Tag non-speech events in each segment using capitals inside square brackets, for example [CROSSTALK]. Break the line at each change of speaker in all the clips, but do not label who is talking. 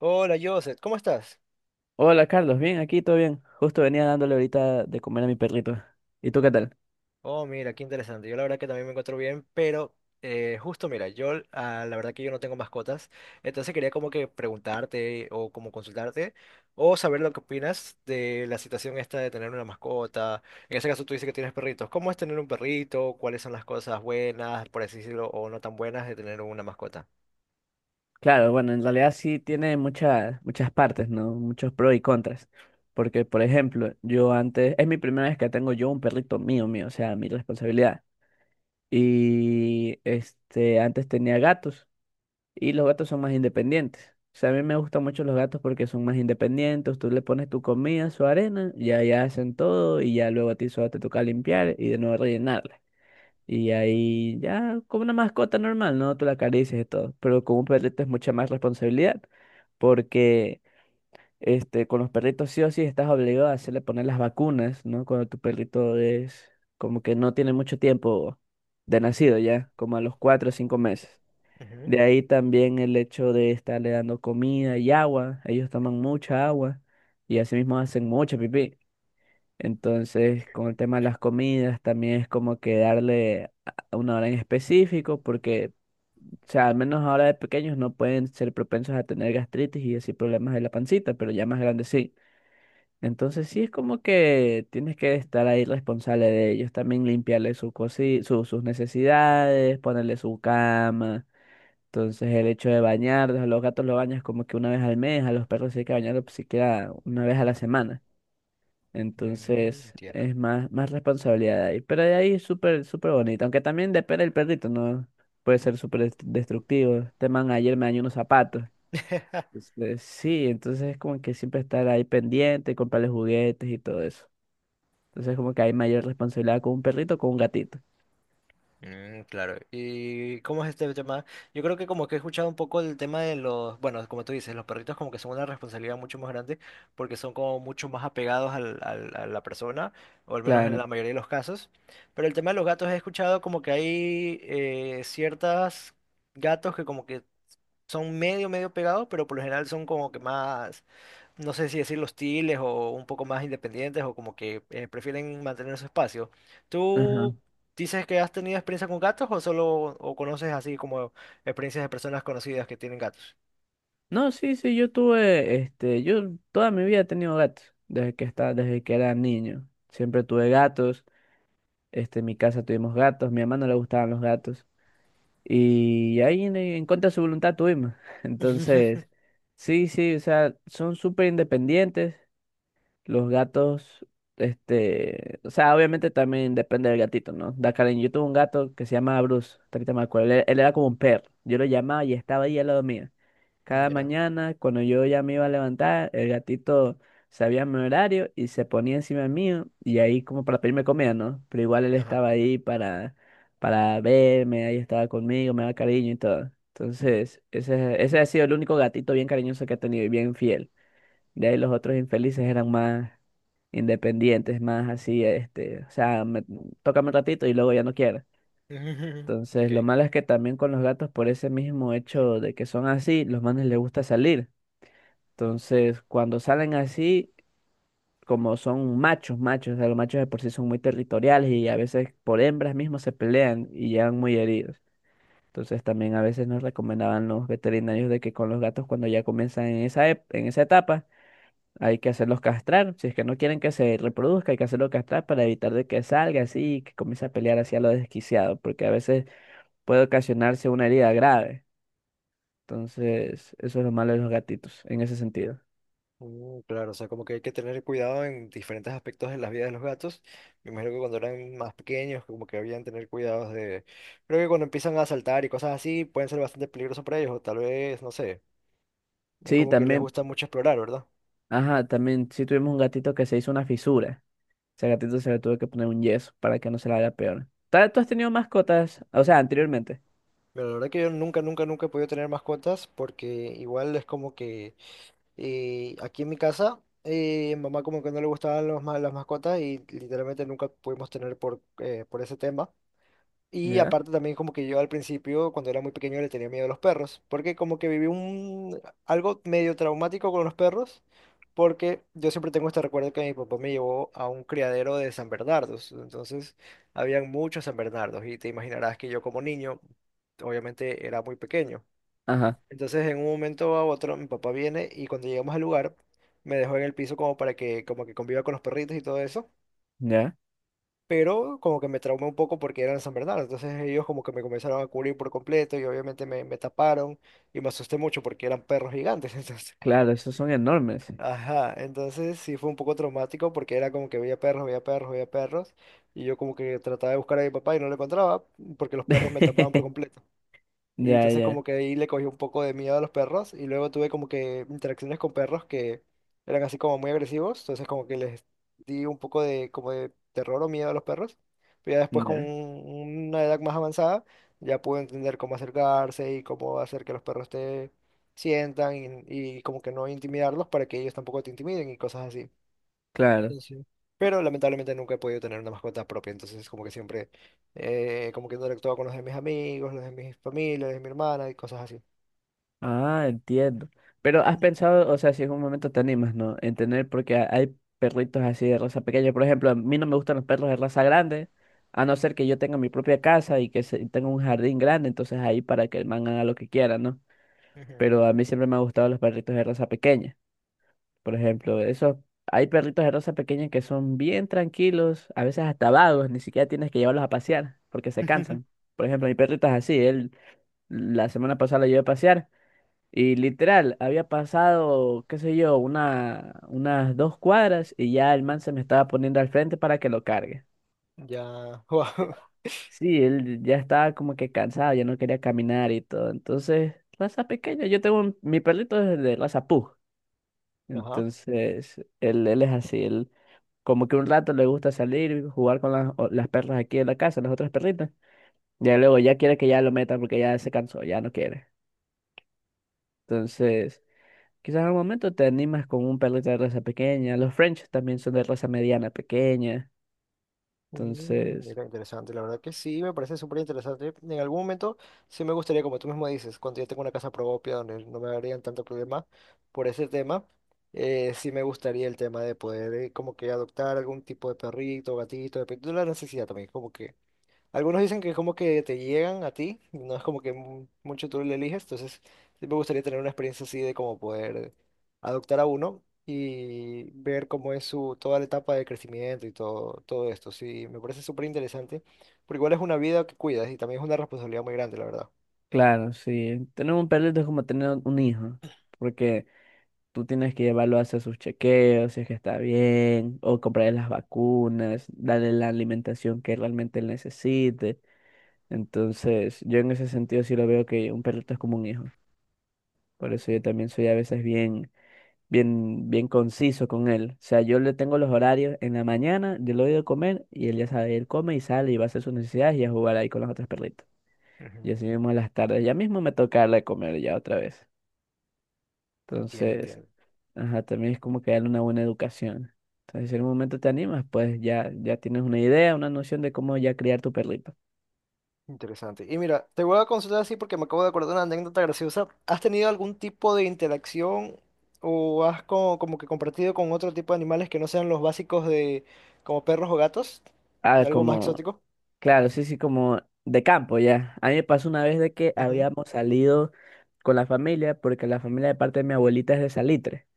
Hola Joseph, ¿cómo estás?
Hola Carlos, bien, aquí todo bien. Justo venía dándole ahorita de comer a mi perrito. ¿Y tú qué tal?
Oh, mira, qué interesante. Yo la verdad que también me encuentro bien, pero justo mira, yo la verdad que yo no tengo mascotas, entonces quería como que preguntarte o como consultarte o saber lo que opinas de la situación esta de tener una mascota. En ese caso tú dices que tienes perritos. ¿Cómo es tener un perrito? ¿Cuáles son las cosas buenas, por así decirlo, o no tan buenas de tener una mascota?
Claro, bueno, en realidad sí tiene muchas partes, ¿no? Muchos pros y contras. Porque, por ejemplo, yo antes, es mi primera vez que tengo yo un perrito mío, mío, o sea, mi responsabilidad. Y este, antes tenía gatos y los gatos son más independientes. O sea, a mí me gustan mucho los gatos porque son más independientes. Tú le pones tu comida, su arena, ya hacen todo y ya luego a ti solo te toca limpiar y de nuevo rellenar. Y ahí ya como una mascota normal, ¿no? Tú la acaricias y todo. Pero con un perrito es mucha más responsabilidad. Porque este, con los perritos sí o sí estás obligado a hacerle poner las vacunas, ¿no? Cuando tu perrito es como que no tiene mucho tiempo de nacido ya, como a los 4 o 5 meses.
Ujú.
De ahí también el hecho de estarle dando comida y agua. Ellos toman mucha agua y asimismo hacen mucha pipí. Entonces, con el tema de las comidas, también es como que darle una hora en específico, porque, o sea, al menos ahora de pequeños no pueden ser propensos a tener gastritis y así problemas de la pancita, pero ya más grandes sí. Entonces, sí es como que tienes que estar ahí responsable de ellos, también limpiarle su sus necesidades, ponerle su cama. Entonces, el hecho de bañarlos, a los gatos los bañas como que una vez al mes, a los perros sí hay que bañarlos siquiera una vez a la semana.
Mm,
Entonces
entiendo.
es más responsabilidad ahí. Pero de ahí es súper, súper bonito. Aunque también depende del perrito, ¿no? Puede ser súper destructivo. Este man ayer me dañó unos zapatos.
[LAUGHS]
Entonces, sí, entonces es como que siempre estar ahí pendiente, comprarle juguetes y todo eso. Entonces como que hay mayor responsabilidad con un perrito o con un gatito.
Mm, claro. ¿Y cómo es este tema? Yo creo que como que he escuchado un poco el tema de los, bueno, como tú dices, los perritos como que son una responsabilidad mucho más grande porque son como mucho más apegados a la persona, o al menos en
Claro.
la mayoría de los casos. Pero el tema de los gatos he escuchado como que hay ciertas gatos que como que son medio, medio pegados, pero por lo general son como que más, no sé si decir hostiles o un poco más independientes o como que prefieren mantener su espacio.
Ajá.
¿Tú dices que has tenido experiencia con gatos o solo o conoces así como experiencias de personas conocidas que tienen gatos?
No, sí, sí, yo tuve, este, yo toda mi vida he tenido gatos, desde que estaba, desde que era niño. Siempre tuve gatos, este, en mi casa tuvimos gatos, mi mamá no le gustaban los gatos. Y ahí en contra de su voluntad tuvimos. [LAUGHS] Entonces, sí, sí, o sea, son súper independientes. Los gatos, este, o sea, obviamente también depende del gatito, ¿no? Dakar, yo tuve un gato que se llama Bruce, hasta ahorita me acuerdo, él era como un perro, yo lo llamaba y estaba ahí al lado mío. Cada
Ya,
mañana, cuando yo ya me iba a levantar, el gatito sabía mi horario y se ponía encima mío y ahí como para pedirme comida, ¿no? Pero igual él
ajá.
estaba ahí para verme, ahí estaba conmigo, me daba cariño y todo. Entonces, ese ha sido el único gatito bien cariñoso que he tenido y bien fiel. De ahí los otros infelices eran más independientes, más así, este, o sea, tócame un ratito y luego ya no quiero.
[LAUGHS]
Entonces, lo
Ok.
malo es que también con los gatos, por ese mismo hecho de que son así, los manes les gusta salir. Entonces, cuando salen así, como son machos, machos, o sea, los machos de por sí son muy territoriales y a veces por hembras mismos se pelean y llegan muy heridos. Entonces, también a veces nos recomendaban los veterinarios de que con los gatos, cuando ya comienzan en esa etapa, hay que hacerlos castrar. Si es que no quieren que se reproduzca, hay que hacerlos castrar para evitar de que salga así y que comience a pelear hacia lo desquiciado, porque a veces puede ocasionarse una herida grave. Entonces, eso es lo malo de los gatitos, en ese sentido.
Mm, claro, o sea, como que hay que tener cuidado en diferentes aspectos de la vida de los gatos. Me imagino que cuando eran más pequeños, como que habían tener cuidados de... Creo que cuando empiezan a saltar y cosas así, pueden ser bastante peligrosos para ellos, o tal vez, no sé, es
Sí,
como que les
también,
gusta mucho explorar, ¿verdad?
ajá, también sí tuvimos un gatito que se hizo una fisura. Ese gatito se le tuvo que poner un yeso para que no se le haga peor. ¿Tú has tenido mascotas? O sea, anteriormente.
Pero la verdad que yo nunca, nunca, nunca he podido tener mascotas porque igual es como que aquí en mi casa, mamá como que no le gustaban las mascotas y literalmente nunca pudimos tener por ese tema. Y
¿Ya?
aparte también como que yo al principio, cuando era muy pequeño, le tenía miedo a los perros, porque como que viví un algo medio traumático con los perros, porque yo siempre tengo este recuerdo que mi papá me llevó a un criadero de San Bernardos, entonces habían muchos San Bernardos y te imaginarás que yo como niño, obviamente era muy pequeño.
Ajá,
Entonces en un momento a otro mi papá viene y cuando llegamos al lugar me dejó en el piso como para que como que conviva con los perritos y todo eso
ya.
pero como que me traumé un poco porque eran San Bernardo, entonces ellos como que me comenzaron a cubrir por completo y obviamente me taparon y me asusté mucho porque eran perros gigantes, [LAUGHS] entonces,
Claro, esos son enormes.
ajá, entonces sí fue un poco traumático porque era como que veía perros, veía perros, veía perros y yo como que trataba de buscar a mi papá y no lo encontraba porque los perros me tapaban por
[LAUGHS]
completo. Y
Ya,
entonces
ya,
como que ahí le cogí un poco de miedo a los perros y luego tuve como que interacciones con perros que eran así como muy agresivos, entonces como que les di un poco de como de terror o miedo a los perros. Pero ya después con
ya.
una edad más avanzada ya pude entender cómo acercarse y cómo hacer que los perros te sientan y como que no intimidarlos para que ellos tampoco te intimiden y cosas así.
Claro.
Sí, sí. Pero lamentablemente nunca he podido tener una mascota propia, entonces como que siempre, como que interactuaba con los de mis amigos, los de mi familia, los de mi hermana y cosas así.
Ah, entiendo. Pero has pensado, o sea, si en un momento te animas, ¿no? En tener, porque hay perritos así de raza pequeña. Por ejemplo, a mí no me gustan los perros de raza grande, a no ser que yo tenga mi propia casa y que tenga un jardín grande, entonces ahí para que el man haga lo que quiera, ¿no?
Ujú.
Pero a mí siempre me han gustado los perritos de raza pequeña. Por ejemplo, esos, hay perritos de raza pequeña que son bien tranquilos, a veces hasta vagos, ni siquiera tienes que llevarlos a pasear porque se cansan.
[LAUGHS]
Por ejemplo, mi perrito es así, él la semana pasada lo llevé a pasear. Y literal, había pasado, qué sé yo, unas 2 cuadras y ya el man se me estaba poniendo al frente para que lo cargue.
Ya, [LAUGHS]
Ya.
wow.
Sí, él ya estaba como que cansado, ya no quería caminar y todo. Entonces, raza pequeña, yo tengo mi perrito es de raza pug.
Ajá.
Entonces, él es así, él como que un rato le gusta salir y jugar con las, las perras aquí en la casa, las otras perritas. Ya luego ya quiere que ya lo metan porque ya se cansó, ya no quiere. Entonces... Quizás en algún momento te animas con un perrito de raza pequeña. Los French también son de raza mediana pequeña.
Mm,
Entonces,
mira, interesante, la verdad que sí, me parece súper interesante. En algún momento sí me gustaría, como tú mismo dices, cuando yo tengo una casa propia donde no me harían tanto problema por ese tema, sí me gustaría el tema de poder como que adoptar algún tipo de perrito, gatito, dependiendo de la necesidad también, como que algunos dicen que es como que te llegan a ti, no es como que mucho tú lo eliges, entonces sí me gustaría tener una experiencia así de como poder adoptar a uno y ver cómo es su toda la etapa de crecimiento y todo, todo esto. Sí, me parece súper interesante, porque igual es una vida que cuidas y también es una responsabilidad muy grande, la verdad.
claro, sí. Tener un perrito es como tener un hijo. Porque tú tienes que llevarlo a hacer sus chequeos, si es que está bien, o comprarle las vacunas, darle la alimentación que realmente él necesite. Entonces, yo en ese sentido sí lo veo que un perrito es como un hijo. Por eso
Mm,
yo también soy a veces bien, bien, bien conciso con él. O sea, yo le tengo los horarios en la mañana, yo le doy de comer y él ya sabe, él come y sale y va a hacer sus necesidades y a jugar ahí con las otras perritas.
ujú,
Y así mismo en las tardes, ya mismo me toca darle de comer ya otra vez.
entiendo,
Entonces,
entiendo.
ajá, también es como que darle una buena educación. Entonces, si en un momento te animas, pues ya, ya tienes una idea, una noción de cómo ya criar tu perrito.
Interesante. Y mira, te voy a consultar así porque me acabo de acordar de una anécdota graciosa. ¿Has tenido algún tipo de interacción o has como, que compartido con otro tipo de animales que no sean los básicos de como perros o gatos?
Ah,
¿Algo más
como,
exótico?
claro, sí, sí, como de campo ya. A mí me pasó una vez de que
Ujú,
habíamos salido con la familia, porque la familia de parte de mi abuelita es de Salitre.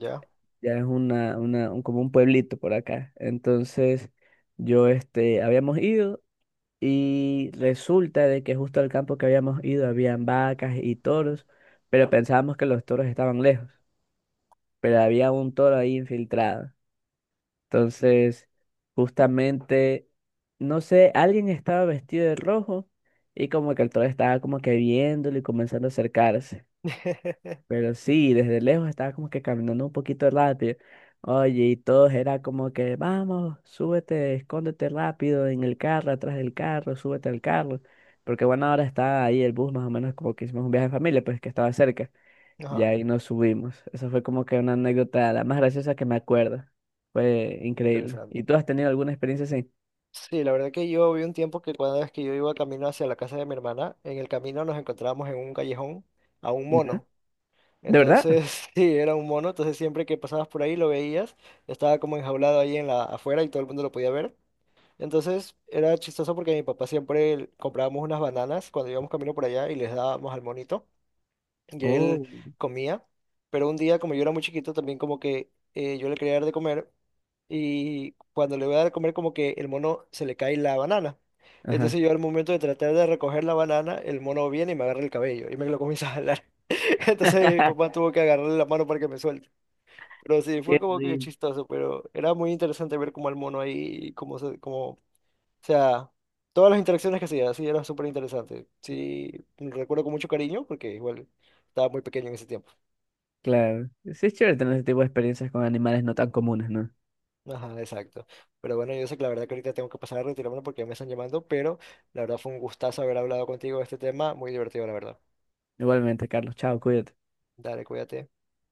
ya.
Ya es como un pueblito por acá. Entonces, yo, este, habíamos ido y resulta de que justo al campo que habíamos ido habían vacas y toros, pero pensábamos que los toros estaban lejos, pero había un toro ahí infiltrado. Entonces, justamente, no sé, alguien estaba vestido de rojo y como que el toro estaba como que viéndolo y comenzando a acercarse.
[LAUGHS]
Pero sí, desde lejos estaba como que caminando un poquito rápido. Oye, y todos era como que, vamos, súbete, escóndete rápido en el carro, atrás del carro, súbete al carro. Porque bueno, ahora está ahí el bus, más o menos como que hicimos un viaje en familia, pues que estaba cerca. Y
Ajá.
ahí nos subimos. Eso fue como que una anécdota la más graciosa que me acuerdo. Fue increíble. ¿Y
Interesante.
tú has tenido alguna experiencia así?
Sí, la verdad que yo vi un tiempo que cada vez que yo iba camino hacia la casa de mi hermana, en el camino nos encontrábamos en un callejón a un
Ujú.
mono.
¿De verdad?
Entonces, [LAUGHS] sí, era un mono, entonces siempre que pasabas por ahí lo veías, estaba como enjaulado ahí en la afuera y todo el mundo lo podía ver. Entonces, era chistoso porque mi papá siempre comprábamos unas bananas cuando íbamos camino por allá y les dábamos al monito y él
Oh,
comía. Pero un día, como yo era muy chiquito, también como que yo le quería dar de comer y cuando le voy a dar de comer como que el mono se le cae la banana.
ajá.
Entonces yo al momento de tratar de recoger la banana, el mono viene y me agarra el cabello y me lo comienza a jalar. [LAUGHS] Entonces mi papá tuvo que agarrarle la mano para que me suelte. Pero sí, fue
Qué
como que
rico.
chistoso, pero era muy interesante ver cómo el mono ahí, como, se, cómo, o sea, todas las interacciones que hacía, sí, era súper interesante. Sí, lo recuerdo con mucho cariño porque igual estaba muy pequeño en ese tiempo.
Claro. Sí es chévere tener ese tipo de experiencias con animales no tan comunes, ¿no?
Ajá, exacto. Pero bueno, yo sé que la verdad que ahorita tengo que pasar a retirarme porque ya me están llamando, pero la verdad fue un gustazo haber hablado contigo de este tema, muy divertido, la verdad.
Igualmente, Carlos. Chao, cuídate.
Dale, cuídate.